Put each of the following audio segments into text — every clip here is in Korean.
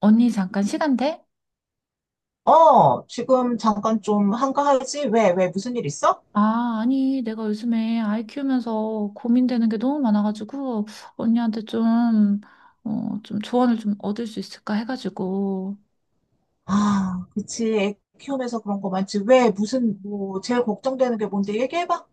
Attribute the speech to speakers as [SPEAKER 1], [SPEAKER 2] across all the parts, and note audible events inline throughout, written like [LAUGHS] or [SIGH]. [SPEAKER 1] 언니 잠깐 시간 돼?
[SPEAKER 2] 어, 지금 잠깐 좀 한가하지? 왜, 무슨 일 있어?
[SPEAKER 1] 아, 아니, 내가 요즘에 아이 키우면서 고민되는 게 너무 많아가지고, 언니한테 좀, 좀 조언을 좀 얻을 수 있을까 해가지고,
[SPEAKER 2] 아, 그치. 애 키우면서 그런 거 많지. 왜, 무슨, 뭐, 제일 걱정되는 게 뭔데? 얘기해봐.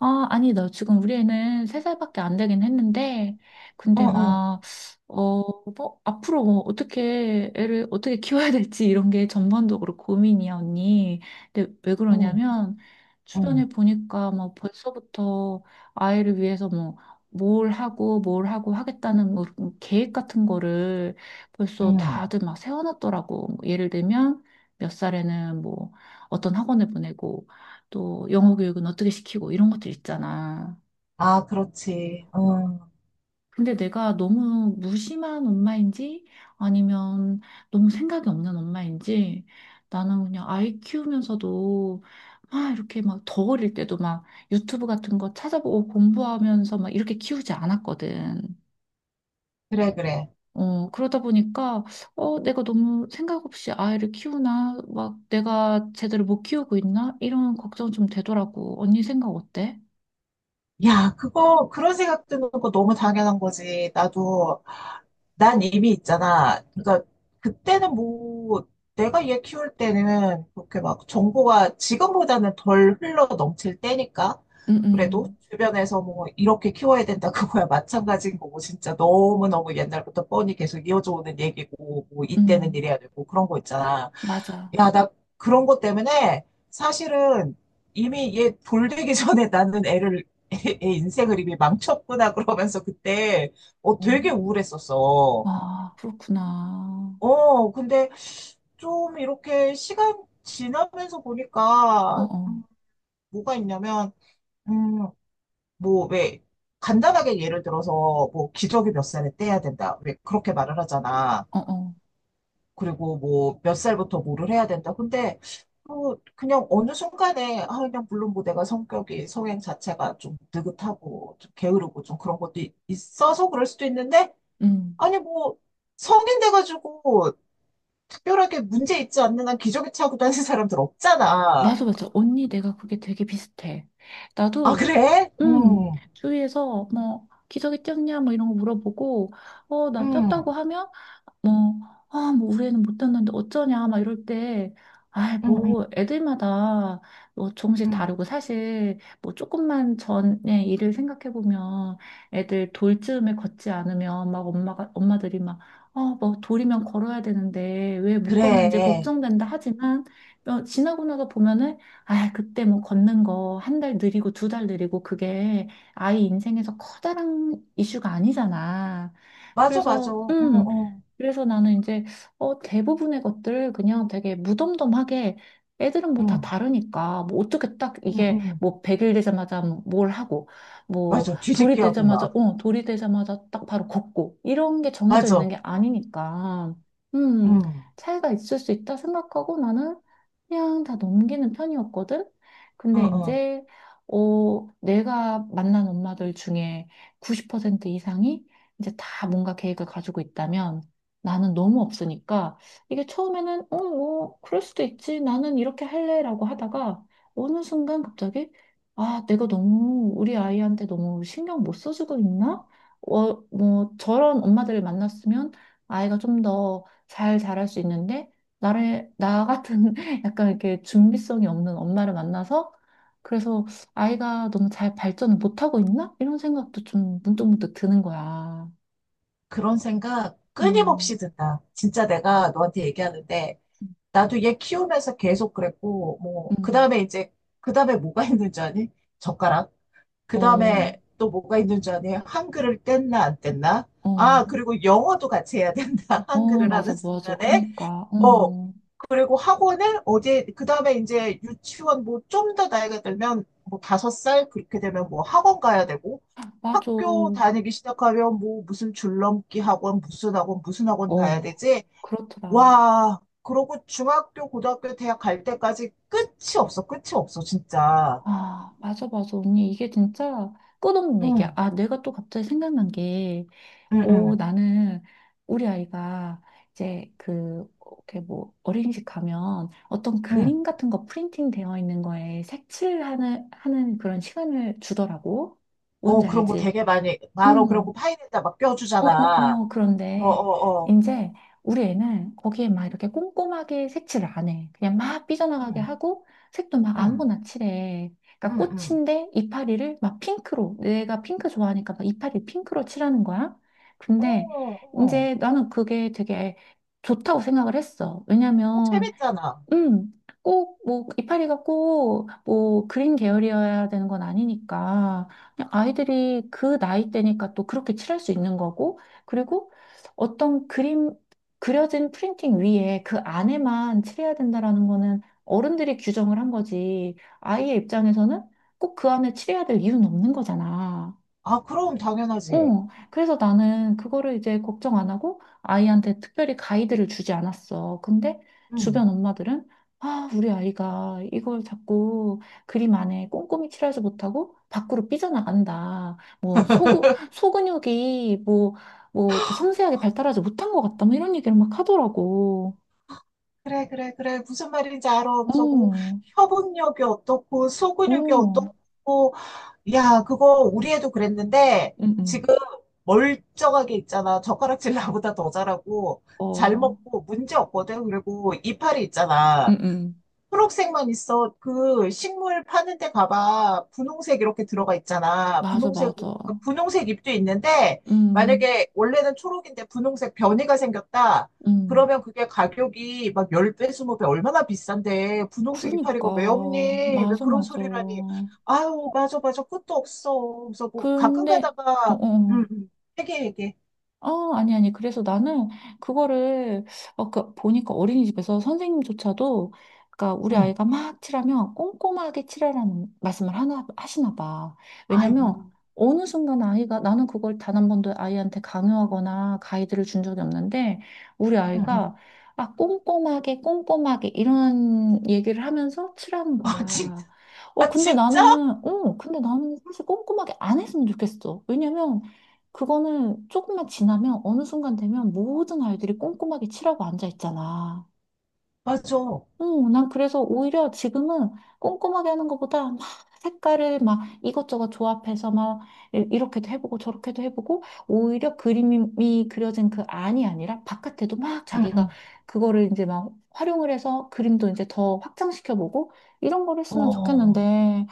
[SPEAKER 1] 아, 아니, 나 지금 우리 애는 세살밖에안 되긴 했는데,
[SPEAKER 2] 응,
[SPEAKER 1] 근데
[SPEAKER 2] 응,
[SPEAKER 1] 막, 어, 뭐, 앞으로 뭐, 어떻게, 애를 어떻게 키워야 될지 이런 게 전반적으로 고민이야, 언니. 근데 왜
[SPEAKER 2] 응,
[SPEAKER 1] 그러냐면, 주변에
[SPEAKER 2] 응,
[SPEAKER 1] 보니까 뭐, 벌써부터 아이를 위해서 뭐, 뭘 하고 하겠다는 뭐, 그런 계획 같은 거를 벌써
[SPEAKER 2] 응.
[SPEAKER 1] 다들 막 세워놨더라고. 뭐 예를 들면, 몇 살에는 뭐, 어떤 학원을 보내고, 또 영어 교육은 어떻게 시키고 이런 것들 있잖아.
[SPEAKER 2] 아, 그렇지. 응.
[SPEAKER 1] 근데 내가 너무 무심한 엄마인지 아니면 너무 생각이 없는 엄마인지 나는 그냥 아이 키우면서도 막 이렇게 막 더 어릴 때도 막 유튜브 같은 거 찾아보고 공부하면서 막 이렇게 키우지 않았거든.
[SPEAKER 2] 그래, 그래.
[SPEAKER 1] 그러다 보니까 내가 너무 생각 없이 아이를 키우나 막 내가 제대로 못 키우고 있나 이런 걱정 좀 되더라고. 언니 생각 어때?
[SPEAKER 2] 야, 그거, 그런 생각 드는 거 너무 당연한 거지. 나도 난 이미 있잖아. 그러니까 그때는 뭐 내가 얘 키울 때는 그렇게 막 정보가 지금보다는 덜 흘러 넘칠 때니까
[SPEAKER 1] 응,
[SPEAKER 2] 그래도
[SPEAKER 1] 응,
[SPEAKER 2] 주변에서 뭐 이렇게 키워야 된다 그거야 [LAUGHS] 마찬가지인 거고 진짜 너무너무 옛날부터 뻔히 계속 이어져 오는 얘기고 뭐 이때는
[SPEAKER 1] 응.
[SPEAKER 2] 이래야 되고 그런 거 있잖아.
[SPEAKER 1] 맞아.
[SPEAKER 2] 야, 나 그런 것 때문에 사실은 이미 얘 돌되기 전에 나는 애를 [LAUGHS] 애 인생을 이미 망쳤구나 그러면서 그때 어,
[SPEAKER 1] 어.
[SPEAKER 2] 되게 우울했었어.
[SPEAKER 1] 아, 그렇구나.
[SPEAKER 2] 어, 근데 좀 이렇게 시간 지나면서 보니까,
[SPEAKER 1] 어어,
[SPEAKER 2] 뭐가 있냐면, 음, 뭐, 왜, 간단하게 예를 들어서, 뭐, 기저귀 몇 살에 떼야 된다. 왜, 그렇게 말을 하잖아.
[SPEAKER 1] 어어.
[SPEAKER 2] 그리고 뭐, 몇 살부터 뭐를 해야 된다. 근데, 뭐, 그냥 어느 순간에, 아, 그냥 물론 뭐 내가 성격이, 성향 자체가 좀 느긋하고, 좀 게으르고, 좀 그런 것도 있어서 그럴 수도 있는데,
[SPEAKER 1] 음.
[SPEAKER 2] 아니, 뭐, 성인 돼가지고, 특별하게 문제 있지 않는 한 기저귀 차고 다니는 사람들 없잖아.
[SPEAKER 1] 맞아, 맞아. 언니, 내가 그게 되게 비슷해.
[SPEAKER 2] 아,
[SPEAKER 1] 나도,
[SPEAKER 2] 그래? 응,
[SPEAKER 1] 주위에서 뭐, 기저귀 쪘냐, 뭐 이런 거 물어보고, 어, 난 쪘다고
[SPEAKER 2] 응,
[SPEAKER 1] 하면, 뭐, 아, 뭐, 우리 애는 못했는데 어쩌냐, 막 이럴 때, 아이,
[SPEAKER 2] 응, 응,
[SPEAKER 1] 뭐, 애들마다 뭐 조금씩
[SPEAKER 2] 응,
[SPEAKER 1] 다르고, 사실, 뭐, 조금만 전에 일을 생각해보면, 애들 돌쯤에 걷지 않으면, 엄마들이 막, 어, 뭐, 돌이면 걸어야 되는데, 왜 못 걷는지
[SPEAKER 2] 그래.
[SPEAKER 1] 걱정된다 하지만, 어, 지나고 나서 보면은, 아, 그때 뭐, 걷는 거, 한 달 느리고, 두 달 느리고, 그게 아이 인생에서 커다란 이슈가 아니잖아.
[SPEAKER 2] 맞아, 맞아.
[SPEAKER 1] 그래서,
[SPEAKER 2] 응, 응,
[SPEAKER 1] 그래서 나는 이제 대부분의 것들을 그냥 되게 무덤덤하게, 애들은 뭐 다
[SPEAKER 2] 응,
[SPEAKER 1] 다르니까 뭐 어떻게 딱
[SPEAKER 2] 응,
[SPEAKER 1] 이게
[SPEAKER 2] 응.
[SPEAKER 1] 뭐 100일 되자마자 뭘 하고 뭐
[SPEAKER 2] 맞아. 뒤집기 하고 막.
[SPEAKER 1] 돌이 되자마자 딱 바로 걷고 이런 게 정해져 있는
[SPEAKER 2] 맞아.
[SPEAKER 1] 게 아니니까, 음,
[SPEAKER 2] 응,
[SPEAKER 1] 차이가 있을 수 있다 생각하고 나는 그냥 다 넘기는 편이었거든.
[SPEAKER 2] 응,
[SPEAKER 1] 근데
[SPEAKER 2] 응.
[SPEAKER 1] 이제 내가 만난 엄마들 중에 90% 이상이 이제 다 뭔가 계획을 가지고 있다면 나는 너무 없으니까, 이게 처음에는, 어, 뭐 그럴 수도 있지. 나는 이렇게 할래라고 하다가 어느 순간 갑자기 아, 내가 너무 우리 아이한테 너무 신경 못 써주고 있나? 어, 뭐 저런 엄마들을 만났으면 아이가 좀 더 잘 자랄 수 있는데 나를 나 같은 [LAUGHS] 약간 이렇게 준비성이 없는 엄마를 만나서 그래서 아이가 너무 잘 발전을 못하고 있나? 이런 생각도 좀 문득문득 드는 거야.
[SPEAKER 2] 그런 생각
[SPEAKER 1] 음.
[SPEAKER 2] 끊임없이 든다. 진짜 내가 너한테 얘기하는데,
[SPEAKER 1] 음.
[SPEAKER 2] 나도 얘 키우면서 계속 그랬고, 뭐, 그
[SPEAKER 1] 음.
[SPEAKER 2] 다음에 이제, 그 다음에 뭐가 있는 줄 아니? 젓가락. 그
[SPEAKER 1] 어,
[SPEAKER 2] 다음에 또 뭐가 있는 줄 아니? 한글을 뗐나 안 뗐나?
[SPEAKER 1] 어,
[SPEAKER 2] 아, 그리고 영어도 같이 해야 된다. [LAUGHS]
[SPEAKER 1] 어,
[SPEAKER 2] 한글을
[SPEAKER 1] 맞아,
[SPEAKER 2] 하는
[SPEAKER 1] 맞아.
[SPEAKER 2] 순간에.
[SPEAKER 1] 그니까,
[SPEAKER 2] 어,
[SPEAKER 1] 어,
[SPEAKER 2] 그리고 학원을 어디 그 다음에 이제 유치원 뭐 좀 더 나이가 들면 뭐 다섯 살 그렇게 되면 뭐 학원 가야 되고
[SPEAKER 1] 맞아.
[SPEAKER 2] 학교 다니기 시작하면 뭐 무슨 줄넘기 학원, 무슨 학원, 무슨 학원 가야
[SPEAKER 1] 어,
[SPEAKER 2] 되지?
[SPEAKER 1] 그렇더라.
[SPEAKER 2] 와, 그러고 중학교, 고등학교, 대학 갈 때까지 끝이 없어. 끝이 없어, 진짜.
[SPEAKER 1] 아, 맞아, 맞아. 언니, 이게 진짜 끝없는 얘기야.
[SPEAKER 2] 응,
[SPEAKER 1] 아, 내가 또 갑자기 생각난 게,
[SPEAKER 2] 응,
[SPEAKER 1] 어,
[SPEAKER 2] 응.
[SPEAKER 1] 나는 우리 아이가 이제 그, 이렇게 뭐, 어린이집 가면 어떤
[SPEAKER 2] 응.
[SPEAKER 1] 그림 같은 거 프린팅 되어 있는 거에 하는 그런 시간을 주더라고.
[SPEAKER 2] 어,
[SPEAKER 1] 뭔지
[SPEAKER 2] 그런 거
[SPEAKER 1] 알지?
[SPEAKER 2] 되게 많이, 마로
[SPEAKER 1] 음.
[SPEAKER 2] 그러고 파인에다 막
[SPEAKER 1] 어, 어,
[SPEAKER 2] 껴주잖아.
[SPEAKER 1] 어,
[SPEAKER 2] 어,
[SPEAKER 1] 그런데
[SPEAKER 2] 어, 어.
[SPEAKER 1] 이제 우리 애는 거기에 막 이렇게 꼼꼼하게 색칠을 안 해. 그냥 막 삐져나가게
[SPEAKER 2] 응,
[SPEAKER 1] 하고 색도 막
[SPEAKER 2] 응,
[SPEAKER 1] 아무거나 칠해. 그러니까
[SPEAKER 2] 응, 응.
[SPEAKER 1] 꽃인데 이파리를 막 핑크로, 내가 핑크 좋아하니까 막 이파리 핑크로 칠하는 거야.
[SPEAKER 2] 어,
[SPEAKER 1] 근데
[SPEAKER 2] 어.
[SPEAKER 1] 이제 나는 그게 되게 좋다고 생각을 했어.
[SPEAKER 2] 어,
[SPEAKER 1] 왜냐면
[SPEAKER 2] 재밌잖아.
[SPEAKER 1] 음, 꼭, 뭐, 이파리가 꼭, 뭐, 그린 계열이어야 되는 건 아니니까, 그냥 아이들이 그 나이 때니까 또 그렇게 칠할 수 있는 거고, 그리고 어떤 그림, 그려진 프린팅 위에 그 안에만 칠해야 된다라는 거는 어른들이 규정을 한 거지, 아이의 입장에서는 꼭 그 안에 칠해야 될 이유는 없는 거잖아.
[SPEAKER 2] 아, 그럼 당연하지.
[SPEAKER 1] 어, 그래서 나는 그거를 이제 걱정 안 하고 아이한테 특별히 가이드를 주지 않았어. 근데
[SPEAKER 2] 응.
[SPEAKER 1] 주변 엄마들은 아, 우리 아이가 이걸 자꾸 그림 안에 꼼꼼히 칠하지 못하고 밖으로 삐져나간다. 뭐, 소근육이 뭐, 뭐, 이렇게 섬세하게 발달하지 못한 것 같다. 뭐 이런 얘기를 막 하더라고.
[SPEAKER 2] 그래, 그래, 그래. 무슨 말인지 알아. 하면서 뭐,
[SPEAKER 1] 어,
[SPEAKER 2] 협응력이 어떻고, 소근육이
[SPEAKER 1] 어,
[SPEAKER 2] 어떻고. 야, 그거 우리 애도 그랬는데,
[SPEAKER 1] 응, 응.
[SPEAKER 2] 지금 멀쩡하게 있잖아. 젓가락질 나보다 더 잘하고, 잘
[SPEAKER 1] 어,
[SPEAKER 2] 먹고, 문제 없거든. 그리고 이파리 있잖아.
[SPEAKER 1] 응, 응.
[SPEAKER 2] 초록색만 있어. 그 식물 파는 데 가봐. 분홍색 이렇게 들어가 있잖아.
[SPEAKER 1] 맞아,
[SPEAKER 2] 분홍색,
[SPEAKER 1] 맞아.
[SPEAKER 2] 그 분홍색 잎도 있는데,
[SPEAKER 1] 음,
[SPEAKER 2] 만약에 원래는 초록인데 분홍색 변이가 생겼다.
[SPEAKER 1] 음.
[SPEAKER 2] 그러면 그게 가격이 막 10배, 20배 얼마나 비싼데, 분홍색
[SPEAKER 1] 그러니까
[SPEAKER 2] 이파리가 왜 없니? 왜
[SPEAKER 1] 맞아,
[SPEAKER 2] 그런
[SPEAKER 1] 맞아.
[SPEAKER 2] 소리를 하니? 아유, 맞아, 맞아. 끝도 없어. 그래서 뭐, 가끔
[SPEAKER 1] 근데 어,
[SPEAKER 2] 가다가,
[SPEAKER 1] 어,
[SPEAKER 2] 응,
[SPEAKER 1] 어.
[SPEAKER 2] 응, 얘기해, 얘기해.
[SPEAKER 1] 어, 아니, 아니. 그래서 나는 그거를, 어, 그, 보니까 어린이집에서 선생님조차도, 그러니까 우리
[SPEAKER 2] 응,
[SPEAKER 1] 아이가 막 칠하면 꼼꼼하게 칠하라는 말씀을 하시나 봐.
[SPEAKER 2] 아이고,
[SPEAKER 1] 왜냐면
[SPEAKER 2] 응,
[SPEAKER 1] 어느 순간 아이가, 나는 그걸 단 한 번도 아이한테 강요하거나 가이드를 준 적이 없는데, 우리
[SPEAKER 2] 응.
[SPEAKER 1] 아이가, 아, 꼼꼼하게, 꼼꼼하게, 이런 얘기를 하면서 칠하는
[SPEAKER 2] 아, 진,
[SPEAKER 1] 거야.
[SPEAKER 2] 아, 진짜?
[SPEAKER 1] 어, 근데 나는 사실 꼼꼼하게 안 했으면 좋겠어. 왜냐면, 그거는 조금만 지나면 어느 순간 되면 모든 아이들이 꼼꼼하게 칠하고 앉아 있잖아.
[SPEAKER 2] 맞아.
[SPEAKER 1] 어, 난 그래서 오히려 지금은 꼼꼼하게 하는 것보다 막 색깔을 막 이것저것 조합해서 막 이렇게도 해보고 저렇게도 해보고 오히려 그림이 그려진 그 안이 아니라 바깥에도 막
[SPEAKER 2] 응,
[SPEAKER 1] 자기가
[SPEAKER 2] 응.
[SPEAKER 1] 그거를 이제 막 활용을 해서 그림도 이제 더 확장시켜보고 이런 걸 했으면
[SPEAKER 2] 어.
[SPEAKER 1] 좋겠는데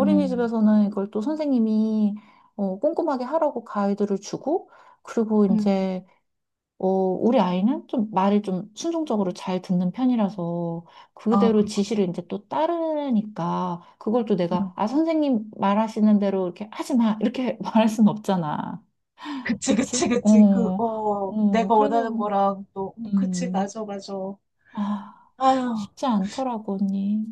[SPEAKER 2] 음,
[SPEAKER 1] 이걸 또 선생님이 어, 꼼꼼하게 하라고 가이드를 주고 그리고
[SPEAKER 2] 음.
[SPEAKER 1] 이제 어, 우리 아이는 좀 말을 좀 순종적으로 잘 듣는 편이라서
[SPEAKER 2] 아,
[SPEAKER 1] 그대로
[SPEAKER 2] 그렇구나.
[SPEAKER 1] 지시를 이제 또 따르니까 그걸 또 내가
[SPEAKER 2] 음.
[SPEAKER 1] 아, 선생님 말하시는 대로 이렇게 하지 마, 이렇게 [LAUGHS] 말할 순 없잖아.
[SPEAKER 2] 그치, 그치,
[SPEAKER 1] 그치?
[SPEAKER 2] 그치. 그,
[SPEAKER 1] 어,
[SPEAKER 2] 어,
[SPEAKER 1] 어,
[SPEAKER 2] 내가
[SPEAKER 1] 그래서,
[SPEAKER 2] 원하는 거랑 또, 그치,
[SPEAKER 1] 음,
[SPEAKER 2] 맞아, 맞아.
[SPEAKER 1] 아,
[SPEAKER 2] 아휴,
[SPEAKER 1] 쉽지 않더라고, 언니.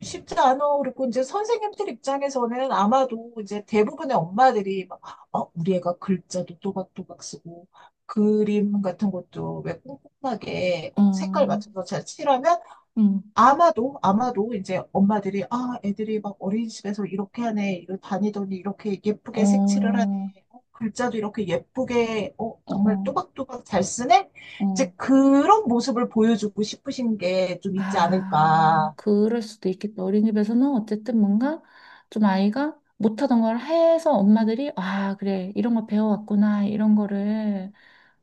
[SPEAKER 2] 쉽지 않아. 그리고 이제 선생님들 입장에서는 아마도 이제 대부분의 엄마들이 막, 어, 우리 애가 글자도 또박또박 쓰고, 그림 같은 것도 왜 꼼꼼하게 어, 색깔
[SPEAKER 1] 어
[SPEAKER 2] 맞춰서 잘 칠하면
[SPEAKER 1] 음,
[SPEAKER 2] 아마도, 아마도 이제 엄마들이, 아, 애들이 막 어린이집에서 이렇게 하네, 이렇게 다니더니 이렇게
[SPEAKER 1] 어,
[SPEAKER 2] 예쁘게 색칠을
[SPEAKER 1] 어,
[SPEAKER 2] 하네, 어, 글자도 이렇게 예쁘게, 어, 정말
[SPEAKER 1] 어.
[SPEAKER 2] 또박또박 잘 쓰네? 이제
[SPEAKER 1] 어.
[SPEAKER 2] 그런 모습을 보여주고 싶으신 게 좀 있지
[SPEAKER 1] 아,
[SPEAKER 2] 않을까.
[SPEAKER 1] 그럴 수도 있겠다. 어린이집에서는 어쨌든 뭔가 좀 아이가 못하던 걸 해서 엄마들이, 아, 그래, 이런 거 배워왔구나, 이런 거를,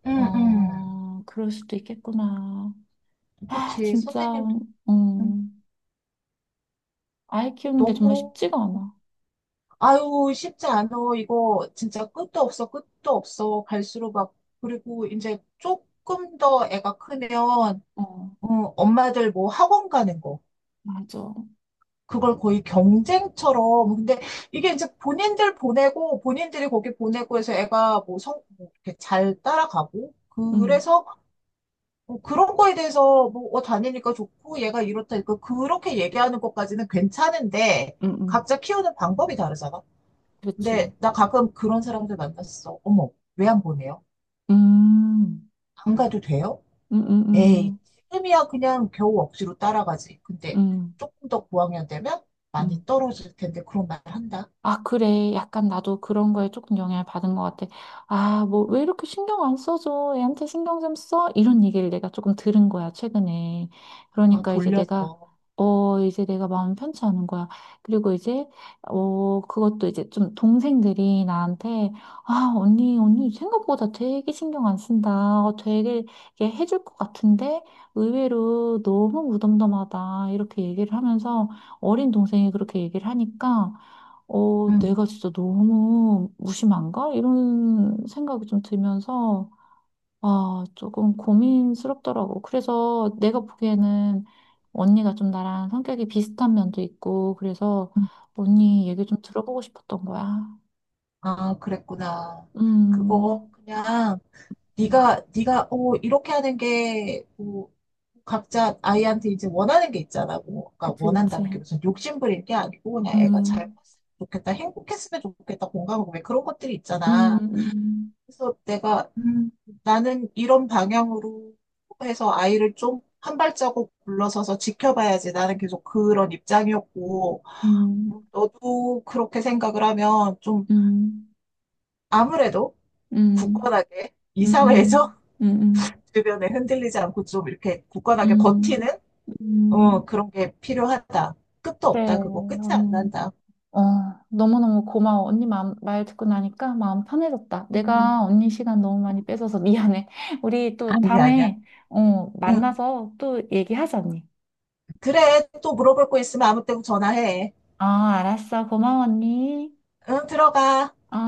[SPEAKER 2] 응, 응.
[SPEAKER 1] 어, 그럴 수도 있겠구나. 아,
[SPEAKER 2] 그치.
[SPEAKER 1] 진짜,
[SPEAKER 2] 선생님도
[SPEAKER 1] 음, 아이 키우는 게 정말
[SPEAKER 2] 너무,
[SPEAKER 1] 쉽지가 않아.
[SPEAKER 2] 아유, 쉽지 않아. 이거 진짜 끝도 없어, 끝도 없어. 갈수록 막, 그리고 이제 조금 더 애가 크면,
[SPEAKER 1] 어,
[SPEAKER 2] 엄마들 뭐 학원 가는 거.
[SPEAKER 1] 맞아.
[SPEAKER 2] 그걸 거의 경쟁처럼. 근데 이게 이제 본인들 보내고, 본인들이 거기 보내고 해서 애가 뭐 성, 뭐 이렇게 잘 따라가고.
[SPEAKER 1] 음,
[SPEAKER 2] 그래서 뭐 그런 거에 대해서 뭐 어, 다니니까 좋고, 얘가 이렇다. 니까 그렇게 얘기하는 것까지는 괜찮은데,
[SPEAKER 1] 음, 음,
[SPEAKER 2] 각자 키우는 방법이 다르잖아.
[SPEAKER 1] 그렇지.
[SPEAKER 2] 근데 나 가끔 그런 사람들 만났어. 어머, 왜 안 보내요?
[SPEAKER 1] 음,
[SPEAKER 2] 안 가도 돼요?
[SPEAKER 1] 음, 음,
[SPEAKER 2] 에이,
[SPEAKER 1] 음,
[SPEAKER 2] 지금이야 그냥 겨우 억지로 따라가지. 근데
[SPEAKER 1] 음.
[SPEAKER 2] 조금 더 고학년 되면 많이
[SPEAKER 1] 음.
[SPEAKER 2] 떨어질 텐데 그런 말 한다.
[SPEAKER 1] 아, 그래. 약간 나도 그런 거에 조금 영향을 받은 것 같아. 아, 뭐, 왜 이렇게 신경 안 써줘? 애한테 신경 좀 써? 이런 얘기를 내가 조금 들은 거야, 최근에.
[SPEAKER 2] 아,
[SPEAKER 1] 그러니까 이제 내가,
[SPEAKER 2] 돌려서.
[SPEAKER 1] 어, 이제 내가 마음 편치 않은 거야. 그리고 이제, 어, 그것도 이제 좀 동생들이 나한테, 아, 언니 생각보다 되게 신경 안 쓴다. 어, 되게 이게 해줄 것 같은데 의외로 너무 무덤덤하다. 이렇게 얘기를 하면서 어린 동생이 그렇게 얘기를 하니까 어,
[SPEAKER 2] 음,
[SPEAKER 1] 내가 진짜 너무 무심한가? 이런 생각이 좀 들면서, 아, 조금 고민스럽더라고. 그래서 내가 보기에는 언니가 좀 나랑 성격이 비슷한 면도 있고, 그래서
[SPEAKER 2] 음.
[SPEAKER 1] 언니 얘기 좀 들어보고 싶었던 거야.
[SPEAKER 2] 아, 그랬구나. 그거
[SPEAKER 1] 음,
[SPEAKER 2] 그냥 네가 어 이렇게 하는 게 뭐, 각자 아이한테 이제 원하는 게 있잖아. 뭐, 그러니까
[SPEAKER 1] 그치, 그치.
[SPEAKER 2] 원한다는 게 무슨 욕심 부릴 게 아니고 그냥 애가 잘
[SPEAKER 1] 음,
[SPEAKER 2] 컸으면 좋겠다, 행복했으면 좋겠다, 공감하고 왜 그런 것들이
[SPEAKER 1] 음,
[SPEAKER 2] 있잖아.
[SPEAKER 1] 음,
[SPEAKER 2] 그래서 내가 나는 이런 방향으로 해서 아이를 좀 한 발자국 물러서서 지켜봐야지. 나는 계속 그런 입장이었고,
[SPEAKER 1] 음,
[SPEAKER 2] 너도 그렇게 생각을 하면 좀
[SPEAKER 1] 음,
[SPEAKER 2] 아무래도
[SPEAKER 1] 음,
[SPEAKER 2] 굳건하게 이
[SPEAKER 1] 음, 음,
[SPEAKER 2] 사회에서
[SPEAKER 1] 음,
[SPEAKER 2] [LAUGHS] 주변에 흔들리지 않고 좀 이렇게 굳건하게 버티는
[SPEAKER 1] 음,
[SPEAKER 2] 어,
[SPEAKER 1] 음.
[SPEAKER 2] 그런 게 필요하다. 끝도
[SPEAKER 1] 그래,
[SPEAKER 2] 없다. 그거 끝이 안 난다.
[SPEAKER 1] 어, 너무너무 고마워. 언니 마음, 말 듣고 나니까 마음 편해졌다. 내가
[SPEAKER 2] 음,
[SPEAKER 1] 언니 시간 너무 많이 뺏어서 미안해. [LAUGHS] 우리 또
[SPEAKER 2] 아니야, 아니야.
[SPEAKER 1] 다음에, 어,
[SPEAKER 2] 응.
[SPEAKER 1] 만나서 또 얘기하자, 언니.
[SPEAKER 2] 그래. 또 물어볼 거 있으면 아무 때고 전화해.
[SPEAKER 1] 아 알았어. 고마워, 언니.
[SPEAKER 2] 응, 들어가.
[SPEAKER 1] 어.